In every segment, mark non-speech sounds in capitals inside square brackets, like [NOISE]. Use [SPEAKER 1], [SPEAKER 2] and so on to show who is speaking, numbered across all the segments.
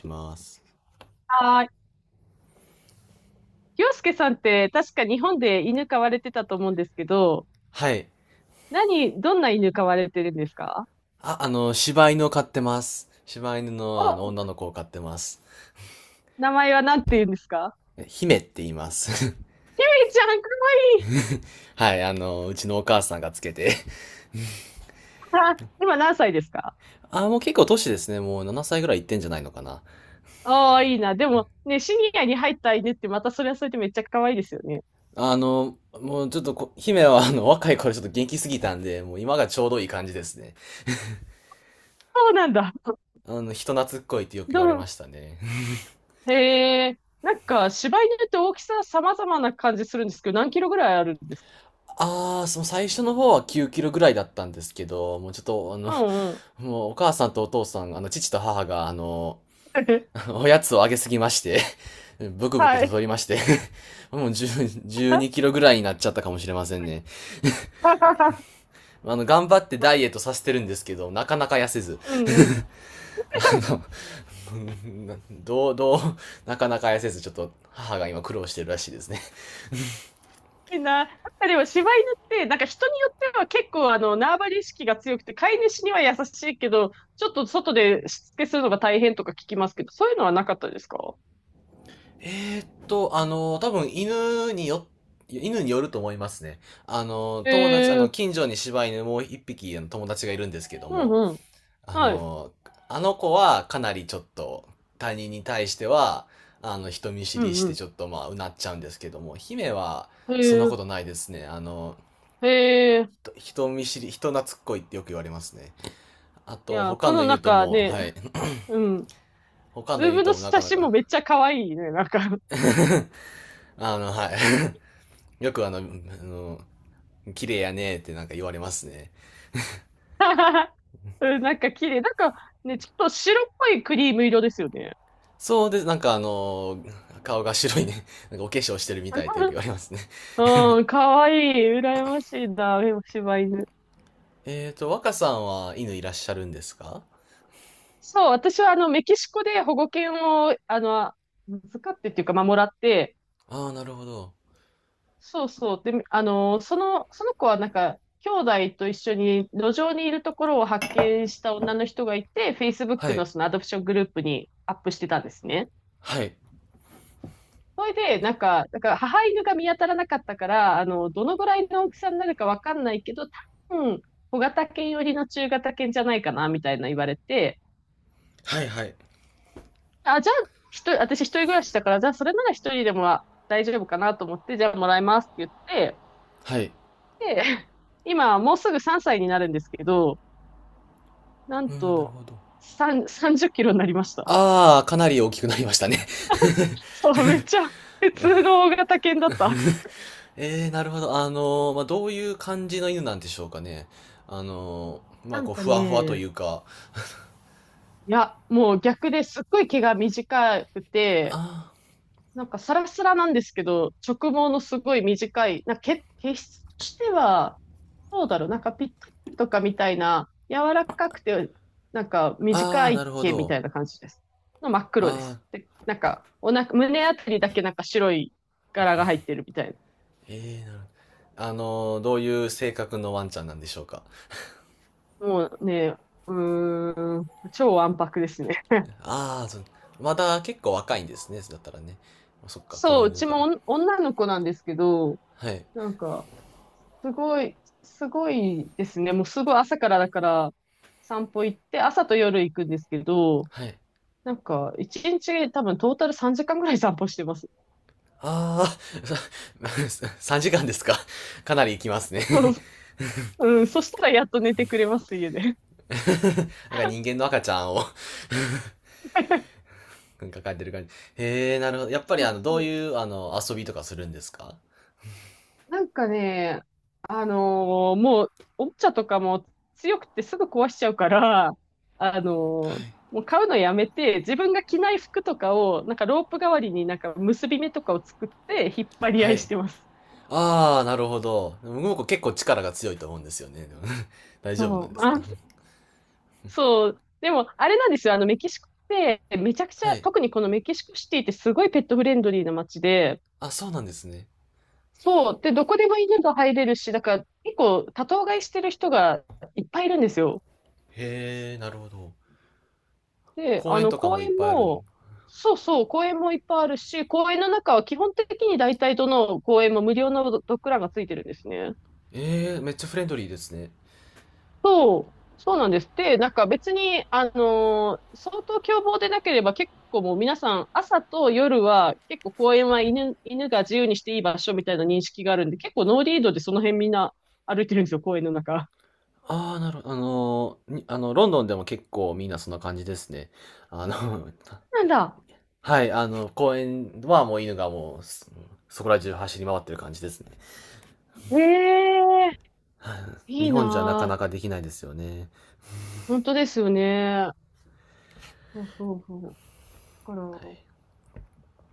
[SPEAKER 1] します。
[SPEAKER 2] あー、洋介さんって確か日本で犬飼われてたと思うんですけど、
[SPEAKER 1] はい。
[SPEAKER 2] どんな犬飼われてるんですか？
[SPEAKER 1] 柴犬を飼ってます。柴犬の、
[SPEAKER 2] お、
[SPEAKER 1] 女の子を飼ってます。
[SPEAKER 2] 名前は何て言うんですか？
[SPEAKER 1] え姫って言います。
[SPEAKER 2] ひめちゃん、かわいい。
[SPEAKER 1] [LAUGHS] はい、うちのお母さんがつけて。
[SPEAKER 2] あ今何歳ですか？
[SPEAKER 1] あ、もう結構年ですね。もう7歳ぐらいいってんじゃないのかな。
[SPEAKER 2] ああー、いいな。でもね、シニアに入った犬ってまたそれはそれでめっちゃ可愛いですよね。
[SPEAKER 1] あの、もうちょっとこ、姫は若い頃ちょっと元気すぎたんで、もう今がちょうどいい感じですね。
[SPEAKER 2] そうなんだ。
[SPEAKER 1] 人懐っこいってよく言
[SPEAKER 2] ど
[SPEAKER 1] われま
[SPEAKER 2] う、
[SPEAKER 1] したね。
[SPEAKER 2] へえ、なんか柴犬って大きさ様々な感じするんですけど、何キロぐらいあるんですか？
[SPEAKER 1] あー、その最初の方は9キロぐらいだったんですけど、もうちょっと、あの、
[SPEAKER 2] うんうん。
[SPEAKER 1] もうお母さんとお父さん、父と母が、
[SPEAKER 2] [LAUGHS]
[SPEAKER 1] [LAUGHS] おやつをあげすぎまして [LAUGHS] ブクブク
[SPEAKER 2] は
[SPEAKER 1] と太
[SPEAKER 2] い。
[SPEAKER 1] りまして [LAUGHS] もう10 12キロぐらいになっちゃったかもしれませんね。
[SPEAKER 2] [LAUGHS]
[SPEAKER 1] 頑張ってダイエットさせてるんですけど、なかなか痩せず。
[SPEAKER 2] うんうん。
[SPEAKER 1] [LAUGHS] あ[LAUGHS] どう、どう、なかなか痩せず、ちょっと母が今苦労してるらしいですね。
[SPEAKER 2] いいな。やっぱでも柴犬って、なんか人によっては結構あの、縄張り意識が強くて、飼い主には優しいけど、ちょっと外でしつけするのが大変とか聞きますけど、そういうのはなかったですか？
[SPEAKER 1] [LAUGHS] 多分犬によると思いますね。あの、友達、あ
[SPEAKER 2] へえ、
[SPEAKER 1] の、近所に柴犬もう一匹友達がいるんですけど
[SPEAKER 2] う
[SPEAKER 1] も、
[SPEAKER 2] んうん。
[SPEAKER 1] あ
[SPEAKER 2] はい。
[SPEAKER 1] の、あの子はかなりちょっと他人に対しては、人見知
[SPEAKER 2] う
[SPEAKER 1] り
[SPEAKER 2] ん
[SPEAKER 1] して
[SPEAKER 2] う
[SPEAKER 1] ちょっとまあ、うなっちゃうんですけども、姫は
[SPEAKER 2] ん。
[SPEAKER 1] そん
[SPEAKER 2] へ
[SPEAKER 1] な
[SPEAKER 2] え、
[SPEAKER 1] ことないですね。あの、
[SPEAKER 2] へえ。
[SPEAKER 1] 人人見知り、人懐っこいってよく言われますね。あ
[SPEAKER 2] い
[SPEAKER 1] と、
[SPEAKER 2] や、
[SPEAKER 1] 他
[SPEAKER 2] こ
[SPEAKER 1] の
[SPEAKER 2] のなん
[SPEAKER 1] 犬と
[SPEAKER 2] か
[SPEAKER 1] も、
[SPEAKER 2] ね、
[SPEAKER 1] はい。
[SPEAKER 2] うん。
[SPEAKER 1] [COUGHS] 他
[SPEAKER 2] ズ
[SPEAKER 1] の
[SPEAKER 2] ー
[SPEAKER 1] 犬
[SPEAKER 2] ムの
[SPEAKER 1] ともな
[SPEAKER 2] 写
[SPEAKER 1] かな
[SPEAKER 2] 真も
[SPEAKER 1] か
[SPEAKER 2] めっちゃ可愛いね、なんか。
[SPEAKER 1] [LAUGHS] はい。[LAUGHS] よくあの、あの、綺麗やねーってなんか言われますね。
[SPEAKER 2] [LAUGHS] うん、なんか綺麗。なんかね、ちょっと白っぽいクリーム色ですよね。
[SPEAKER 1] そうです。顔が白いね。なんかお化粧してるみたいってよく言
[SPEAKER 2] [LAUGHS]
[SPEAKER 1] われますね。
[SPEAKER 2] うん、可愛い。羨ましいな、柴犬。
[SPEAKER 1] 若さんは犬いらっしゃるんですか？
[SPEAKER 2] そう、私はあの、メキシコで保護犬を、あの、預かってっていうか、まあ、もらって、
[SPEAKER 1] ああー、なるほど。
[SPEAKER 2] そうそう、で、あの、その子はなんか、兄弟と一緒に路上にいるところを発見した女の人がいて、
[SPEAKER 1] は
[SPEAKER 2] Facebook
[SPEAKER 1] い。
[SPEAKER 2] のそのアドプショングループにアップしてたんですね。
[SPEAKER 1] はい。
[SPEAKER 2] それで、なんか、だから母犬が見当たらなかったから、あの、どのぐらいの大きさになるかわかんないけど、多分、小型犬寄りの中型犬じゃないかな、みたいな言われて、
[SPEAKER 1] はい、はい。
[SPEAKER 2] あ、じゃあ、私一人暮らしだから、じゃあそれなら一人でもは大丈夫かなと思って、じゃあもらいますって言って、
[SPEAKER 1] はい。
[SPEAKER 2] で、[LAUGHS] 今もうすぐ3歳になるんですけど、なん
[SPEAKER 1] うん、なる
[SPEAKER 2] と、
[SPEAKER 1] ほど。
[SPEAKER 2] 3、30キロになりました。
[SPEAKER 1] ああ、かなり大きくなりましたね。
[SPEAKER 2] [LAUGHS] そう、めっちゃ普通の大型犬だった。
[SPEAKER 1] [LAUGHS] えー、なるほど。まあ、どういう感じの犬なんでしょうかね。まあ、
[SPEAKER 2] な
[SPEAKER 1] こ
[SPEAKER 2] ん
[SPEAKER 1] う、
[SPEAKER 2] か
[SPEAKER 1] ふわふわと
[SPEAKER 2] ね、
[SPEAKER 1] いうか。
[SPEAKER 2] いや、もう逆ですっごい毛が短くて、
[SPEAKER 1] あ
[SPEAKER 2] なんかサラサラなんですけど、直毛のすごい短い、毛質としては、どうだろう、なんかピッタリとかみたいな、柔らかくて、なんか
[SPEAKER 1] あ、あ
[SPEAKER 2] 短
[SPEAKER 1] あ、な
[SPEAKER 2] い
[SPEAKER 1] るほ
[SPEAKER 2] 毛みた
[SPEAKER 1] ど。
[SPEAKER 2] いな感じです。の真っ
[SPEAKER 1] あ
[SPEAKER 2] 黒で
[SPEAKER 1] あ、
[SPEAKER 2] す。で、なんか、胸あたりだけなんか白い柄が入ってるみたい
[SPEAKER 1] ええ、なるほど。あのどういう性格のワンちゃんなんでしょうか。
[SPEAKER 2] な。もうね、うーん、超わんぱくですね。
[SPEAKER 1] ああ、そう、まだ結構若いんですね。だったらね。そっか、子
[SPEAKER 2] そう、う
[SPEAKER 1] 犬
[SPEAKER 2] ち
[SPEAKER 1] から。
[SPEAKER 2] もお女の子なんですけど、
[SPEAKER 1] はい。
[SPEAKER 2] なんか、すごいですね。もうすごい朝からだから散歩行って、朝と夜行くんですけど、
[SPEAKER 1] はい。
[SPEAKER 2] なんか一日多分トータル3時間ぐらい散歩してます。
[SPEAKER 1] ああ、[LAUGHS] 3時間ですか。かなり行きますね。
[SPEAKER 2] そう、うん、そしたらやっと寝てくれます、家で。
[SPEAKER 1] [LAUGHS] なんか人間の赤ちゃんを
[SPEAKER 2] [LAUGHS]
[SPEAKER 1] [LAUGHS] なんか描いてる感じ。へえ、なるほど。やっぱり
[SPEAKER 2] そ
[SPEAKER 1] あ
[SPEAKER 2] う
[SPEAKER 1] の、ど
[SPEAKER 2] そ
[SPEAKER 1] う
[SPEAKER 2] う。
[SPEAKER 1] いうあの、遊びとかするんですか？
[SPEAKER 2] なんかね、もうおもちゃとかも強くてすぐ壊しちゃうから、あ
[SPEAKER 1] は
[SPEAKER 2] のー
[SPEAKER 1] い
[SPEAKER 2] もう買うのやめて、自分が着ない服とかを、なんかロープ代わりになんか結び目とかを作って引っ張り
[SPEAKER 1] は
[SPEAKER 2] 合い
[SPEAKER 1] い。
[SPEAKER 2] してます。
[SPEAKER 1] ああ、なるほど。僕う結構力が強いと思うんですよね。でも [LAUGHS] 大丈夫な
[SPEAKER 2] そ
[SPEAKER 1] んで
[SPEAKER 2] う。
[SPEAKER 1] す
[SPEAKER 2] あ
[SPEAKER 1] か？
[SPEAKER 2] そう。でも、あれなんですよ。あの、メキシコって、めちゃくち
[SPEAKER 1] は
[SPEAKER 2] ゃ、
[SPEAKER 1] い。
[SPEAKER 2] 特にこのメキシコシティってすごいペットフレンドリーな街で、
[SPEAKER 1] あ、そうなんですね。
[SPEAKER 2] そう。で、どこでも犬が入れるし、だから結構多頭飼いしてる人がいっぱいいるんですよ。
[SPEAKER 1] へえ、なるほど。
[SPEAKER 2] で、
[SPEAKER 1] 公
[SPEAKER 2] あ
[SPEAKER 1] 園
[SPEAKER 2] の、
[SPEAKER 1] とか
[SPEAKER 2] 公
[SPEAKER 1] もいっ
[SPEAKER 2] 園
[SPEAKER 1] ぱいあるん。
[SPEAKER 2] も、そうそう、公園もいっぱいあるし、公園の中は基本的に大体どの公園も無料のドッグランがついてるんですね。
[SPEAKER 1] ええ、めっちゃフレンドリーですね。
[SPEAKER 2] そう、そうなんです。で、なんか別に、相当凶暴でなければ結構もう皆さん朝と夜は結構公園は犬が自由にしていい場所みたいな認識があるんで、結構ノーリードでその辺みんな歩いてるんですよ、公園の中。
[SPEAKER 1] ああ、なるほど。あのー、にあの、ロンドンでも結構みんなそんな感じですね。あの、
[SPEAKER 2] なんだ。
[SPEAKER 1] [LAUGHS] はい、公園はもう犬がもう、そこら中走り回ってる感じですね。
[SPEAKER 2] ええい
[SPEAKER 1] 日
[SPEAKER 2] い
[SPEAKER 1] 本じゃなか
[SPEAKER 2] な
[SPEAKER 1] な
[SPEAKER 2] ぁ。
[SPEAKER 1] かできないですよね。
[SPEAKER 2] 本当ですよね。そうそうそう。だか
[SPEAKER 1] は
[SPEAKER 2] ら、
[SPEAKER 1] い。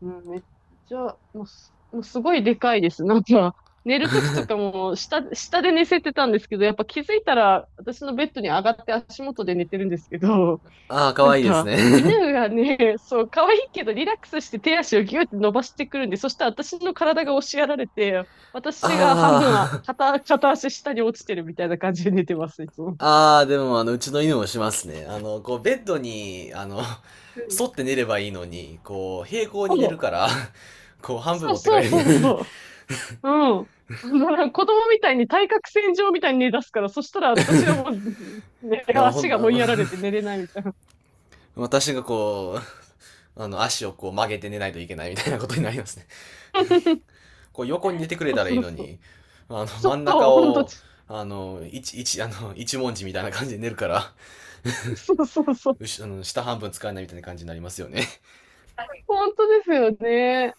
[SPEAKER 2] うん、めっちゃ、もうすごいでかいです。[LAUGHS] なんか、寝るときとかも下で寝せてたんですけど、やっぱ気づいたら私のベッドに上がって足元で寝てるんですけど、
[SPEAKER 1] ああ、
[SPEAKER 2] [LAUGHS]
[SPEAKER 1] 可
[SPEAKER 2] なん
[SPEAKER 1] 愛いいです
[SPEAKER 2] か、
[SPEAKER 1] ね。
[SPEAKER 2] 犬がね、そう、可愛いけどリラックスして手足をギューって伸ばしてくるんで、そしたら私の体が押しやられて、私が
[SPEAKER 1] [LAUGHS]
[SPEAKER 2] 半分は
[SPEAKER 1] あ
[SPEAKER 2] 片足下に落ちてるみたいな感じで寝てます、いつも。
[SPEAKER 1] ああ、でもあの、うちの犬もしますね。ベッドに、
[SPEAKER 2] うん
[SPEAKER 1] 沿って寝ればいいのに、こう、平行に寝るから、こう、半分
[SPEAKER 2] そ
[SPEAKER 1] 持
[SPEAKER 2] う
[SPEAKER 1] ってか
[SPEAKER 2] そう
[SPEAKER 1] れる。[LAUGHS] い
[SPEAKER 2] そうそうそう。うん。[LAUGHS] だから子供みたいに対角線上みたいに寝出すから、そしたら私はもう、ね、
[SPEAKER 1] や、ほ
[SPEAKER 2] 足
[SPEAKER 1] ん、
[SPEAKER 2] が
[SPEAKER 1] あ
[SPEAKER 2] 追い
[SPEAKER 1] の、
[SPEAKER 2] やられて寝れないみたいな。
[SPEAKER 1] 私がこう、足をこう曲げて寝ないといけないみたいなことになりますね。
[SPEAKER 2] [LAUGHS]
[SPEAKER 1] [LAUGHS] こう横に寝てくれ
[SPEAKER 2] そう
[SPEAKER 1] たらいい
[SPEAKER 2] そう
[SPEAKER 1] の
[SPEAKER 2] そう。
[SPEAKER 1] に、
[SPEAKER 2] そ
[SPEAKER 1] 真ん中
[SPEAKER 2] う、本当、
[SPEAKER 1] を、
[SPEAKER 2] そ
[SPEAKER 1] あの、一、一、あの、一文字みたいな感じで寝るから、
[SPEAKER 2] うそうそう。
[SPEAKER 1] あの下半分使えないみたいな感じになりますよね。
[SPEAKER 2] 本当ですよね。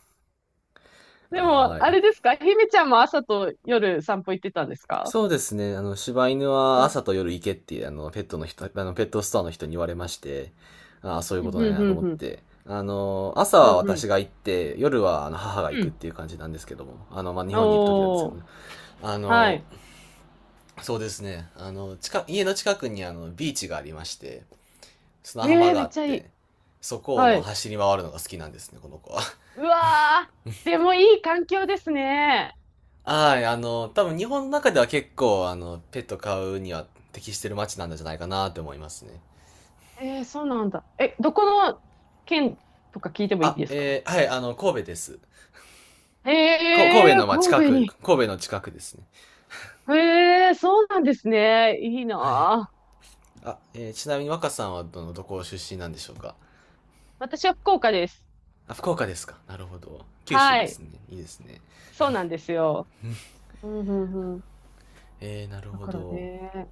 [SPEAKER 1] [LAUGHS]
[SPEAKER 2] でも、
[SPEAKER 1] は
[SPEAKER 2] あれ
[SPEAKER 1] い。
[SPEAKER 2] ですかひめちゃんも朝と夜散歩行ってたんですか？
[SPEAKER 1] そうですね。あの、柴犬
[SPEAKER 2] う
[SPEAKER 1] は
[SPEAKER 2] ん、
[SPEAKER 1] 朝と夜行けって、ペットストアの人に言われまして、ああ、そういう
[SPEAKER 2] う
[SPEAKER 1] こ
[SPEAKER 2] ん、
[SPEAKER 1] となんやなと
[SPEAKER 2] うん、
[SPEAKER 1] 思っ
[SPEAKER 2] うん、
[SPEAKER 1] て。あの、朝
[SPEAKER 2] う
[SPEAKER 1] は
[SPEAKER 2] ん、うん。
[SPEAKER 1] 私が行って、夜はあの母が行
[SPEAKER 2] う
[SPEAKER 1] くっ
[SPEAKER 2] ん
[SPEAKER 1] ていう感じなんですけども。あの、まあ、日本にいる時なんですけ
[SPEAKER 2] お
[SPEAKER 1] ど
[SPEAKER 2] ー、
[SPEAKER 1] ね。あ
[SPEAKER 2] は
[SPEAKER 1] の、
[SPEAKER 2] い。
[SPEAKER 1] そうですね。家の近くにあの、ビーチがありまして、砂
[SPEAKER 2] え
[SPEAKER 1] 浜
[SPEAKER 2] え
[SPEAKER 1] が
[SPEAKER 2] め
[SPEAKER 1] あ
[SPEAKER 2] っ
[SPEAKER 1] っ
[SPEAKER 2] ちゃいい。
[SPEAKER 1] て、そこを
[SPEAKER 2] は
[SPEAKER 1] まあ
[SPEAKER 2] い。
[SPEAKER 1] 走り回るのが好きなんですね、この子は。[LAUGHS]
[SPEAKER 2] うわー、でもいい環境ですね。
[SPEAKER 1] はい、あの、多分日本の中では結構、あの、ペット飼うには適してる街なんじゃないかなと思いますね。
[SPEAKER 2] えー、そうなんだ。え、どこの県とか聞いてもいいですか？
[SPEAKER 1] はい、あの、神戸です。
[SPEAKER 2] え
[SPEAKER 1] 神戸
[SPEAKER 2] えー、
[SPEAKER 1] のまあ
[SPEAKER 2] 神
[SPEAKER 1] 近
[SPEAKER 2] 戸
[SPEAKER 1] く、
[SPEAKER 2] に。
[SPEAKER 1] 神戸の近くですね。
[SPEAKER 2] ええー、そうなんですね。いい
[SPEAKER 1] はい。
[SPEAKER 2] なぁ。
[SPEAKER 1] ちなみに若さんはどこ出身なんでしょうか？
[SPEAKER 2] 私は福岡です。
[SPEAKER 1] あ、福岡ですか。なるほど。九州
[SPEAKER 2] は
[SPEAKER 1] です
[SPEAKER 2] い。
[SPEAKER 1] ね。いいですね。
[SPEAKER 2] そうなんですよ。うんうんうん。
[SPEAKER 1] えー、なる
[SPEAKER 2] だ
[SPEAKER 1] ほ
[SPEAKER 2] から
[SPEAKER 1] ど。
[SPEAKER 2] ね、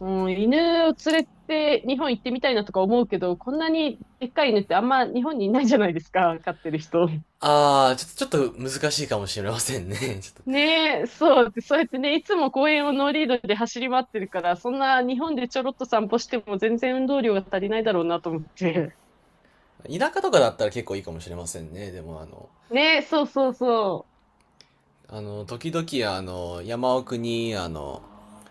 [SPEAKER 2] うん、犬を連れて日本行ってみたいなとか思うけど、こんなにでっかい犬ってあんま日本にいないじゃないですか、飼ってる人。
[SPEAKER 1] ああ、ちょっと難しいかもしれませんね。[LAUGHS] ち
[SPEAKER 2] ねえ、そう、そうやってね、いつも公園をノーリードで走り回ってるから、そんな日本でちょろっと散歩しても全然運動量が足りないだろうなと思って。
[SPEAKER 1] ょっと、田舎とかだったら結構いいかもしれませんね。でもあの、
[SPEAKER 2] ねえ、そうそうそ
[SPEAKER 1] あの、時々あの、山奥にあの、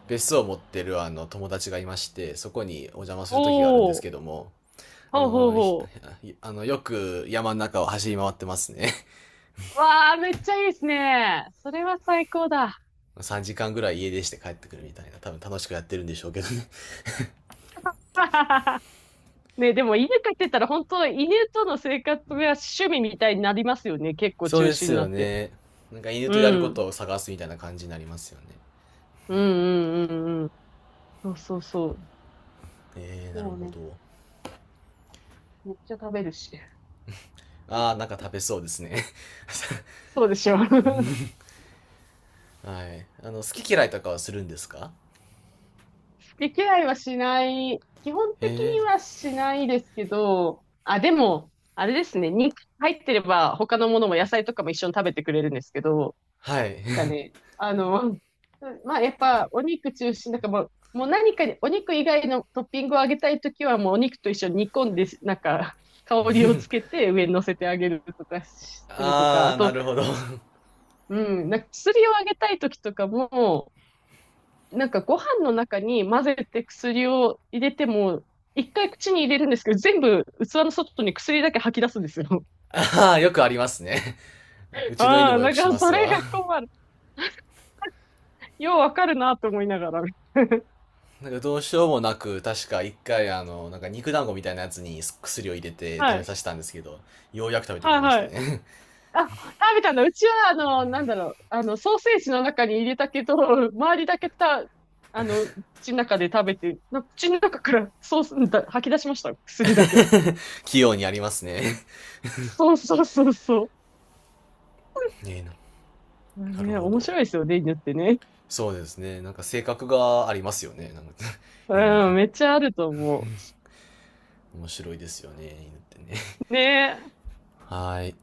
[SPEAKER 1] 別荘を持ってるあの、友達がいまして、そこにお邪魔す
[SPEAKER 2] う。
[SPEAKER 1] る時があるん
[SPEAKER 2] お
[SPEAKER 1] です
[SPEAKER 2] お、
[SPEAKER 1] けども、あ
[SPEAKER 2] ほうほう
[SPEAKER 1] の、ひ
[SPEAKER 2] ほ
[SPEAKER 1] あの、よく山の中を走り回ってますね。
[SPEAKER 2] う。わあ、めっちゃいいですね。それは最高だ。
[SPEAKER 1] [LAUGHS] 3時間ぐらい家出して帰ってくるみたいな、多分楽しくやってるんでしょうけどね。
[SPEAKER 2] [LAUGHS] ねえ、でも犬飼ってたら本当、犬との生活が趣味みたいになりますよね。結
[SPEAKER 1] [LAUGHS]
[SPEAKER 2] 構
[SPEAKER 1] そう
[SPEAKER 2] 中
[SPEAKER 1] で
[SPEAKER 2] 心
[SPEAKER 1] す
[SPEAKER 2] になっ
[SPEAKER 1] よ
[SPEAKER 2] て。
[SPEAKER 1] ね。なんか犬
[SPEAKER 2] う
[SPEAKER 1] とやるこ
[SPEAKER 2] ん。
[SPEAKER 1] とを探すみたいな感じになりますよね。
[SPEAKER 2] うんうんうんうん。そうそうそ
[SPEAKER 1] えー、
[SPEAKER 2] う。
[SPEAKER 1] なる
[SPEAKER 2] もう
[SPEAKER 1] ほ
[SPEAKER 2] ね、
[SPEAKER 1] ど。
[SPEAKER 2] めっちゃ食べるし。
[SPEAKER 1] ああ、なんか食べそうですね。[LAUGHS]
[SPEAKER 2] そうでしょ。[LAUGHS]
[SPEAKER 1] はい。あの、好き嫌いとかはするんですか？
[SPEAKER 2] 毛嫌いはしない。基本的
[SPEAKER 1] ええ、
[SPEAKER 2] にはしないですけど、あ、でも、あれですね。肉入ってれば他のものも野菜とかも一緒に食べてくれるんですけど、
[SPEAKER 1] はい。
[SPEAKER 2] なんかね、あの、まあやっぱお肉中心なんかもう、もう何かにお肉以外のトッピングをあげたいときはもうお肉と一緒に煮込んで、なんか香りをつけて上に乗せてあげるとかし
[SPEAKER 1] [LAUGHS]
[SPEAKER 2] するとか、
[SPEAKER 1] あ
[SPEAKER 2] あ
[SPEAKER 1] あ、な
[SPEAKER 2] と、
[SPEAKER 1] るほど。
[SPEAKER 2] うん、なんか薬をあげたいときとかも、なんかご飯の中に混ぜて薬を入れても、一回口に入れるんですけど、全部器の外に薬だけ吐き出すんですよ。
[SPEAKER 1] ああ、よくありますね。[LAUGHS] う
[SPEAKER 2] [LAUGHS]
[SPEAKER 1] ちの犬
[SPEAKER 2] ああ、
[SPEAKER 1] もよ
[SPEAKER 2] だ
[SPEAKER 1] く
[SPEAKER 2] か
[SPEAKER 1] し
[SPEAKER 2] ら
[SPEAKER 1] ま
[SPEAKER 2] そ
[SPEAKER 1] す
[SPEAKER 2] れ
[SPEAKER 1] わ。
[SPEAKER 2] が
[SPEAKER 1] [LAUGHS]
[SPEAKER 2] 困る。ようわかるなと思いながら。
[SPEAKER 1] なんかどうしようもなく、確か一回あの、なんか肉団子みたいなやつに薬を入れて
[SPEAKER 2] は
[SPEAKER 1] 食べ
[SPEAKER 2] い。
[SPEAKER 1] させたんですけど、ようやく食べてく
[SPEAKER 2] は
[SPEAKER 1] れ
[SPEAKER 2] い
[SPEAKER 1] ました
[SPEAKER 2] はい。
[SPEAKER 1] ね。
[SPEAKER 2] あ、食べたんだ。うちは、あの、なんだろう。あの、ソーセージの中に入れたけど、周りだけた、あの、口の中で食べて、な口の中からソースだ、吐き出しました。薬だけ。
[SPEAKER 1] [LAUGHS] 器用にありますね。
[SPEAKER 2] そうそうそうそ
[SPEAKER 1] [LAUGHS] ねえな
[SPEAKER 2] う。まあ
[SPEAKER 1] なる
[SPEAKER 2] ね、
[SPEAKER 1] ほ
[SPEAKER 2] 面
[SPEAKER 1] ど。
[SPEAKER 2] 白いですよね、犬ってね。
[SPEAKER 1] そうですね。なんか性格がありますよね。なんか [LAUGHS]、犬に。
[SPEAKER 2] うん、めっちゃあると思う。
[SPEAKER 1] 面白いですよね、犬ってね。
[SPEAKER 2] ね
[SPEAKER 1] [LAUGHS] はい。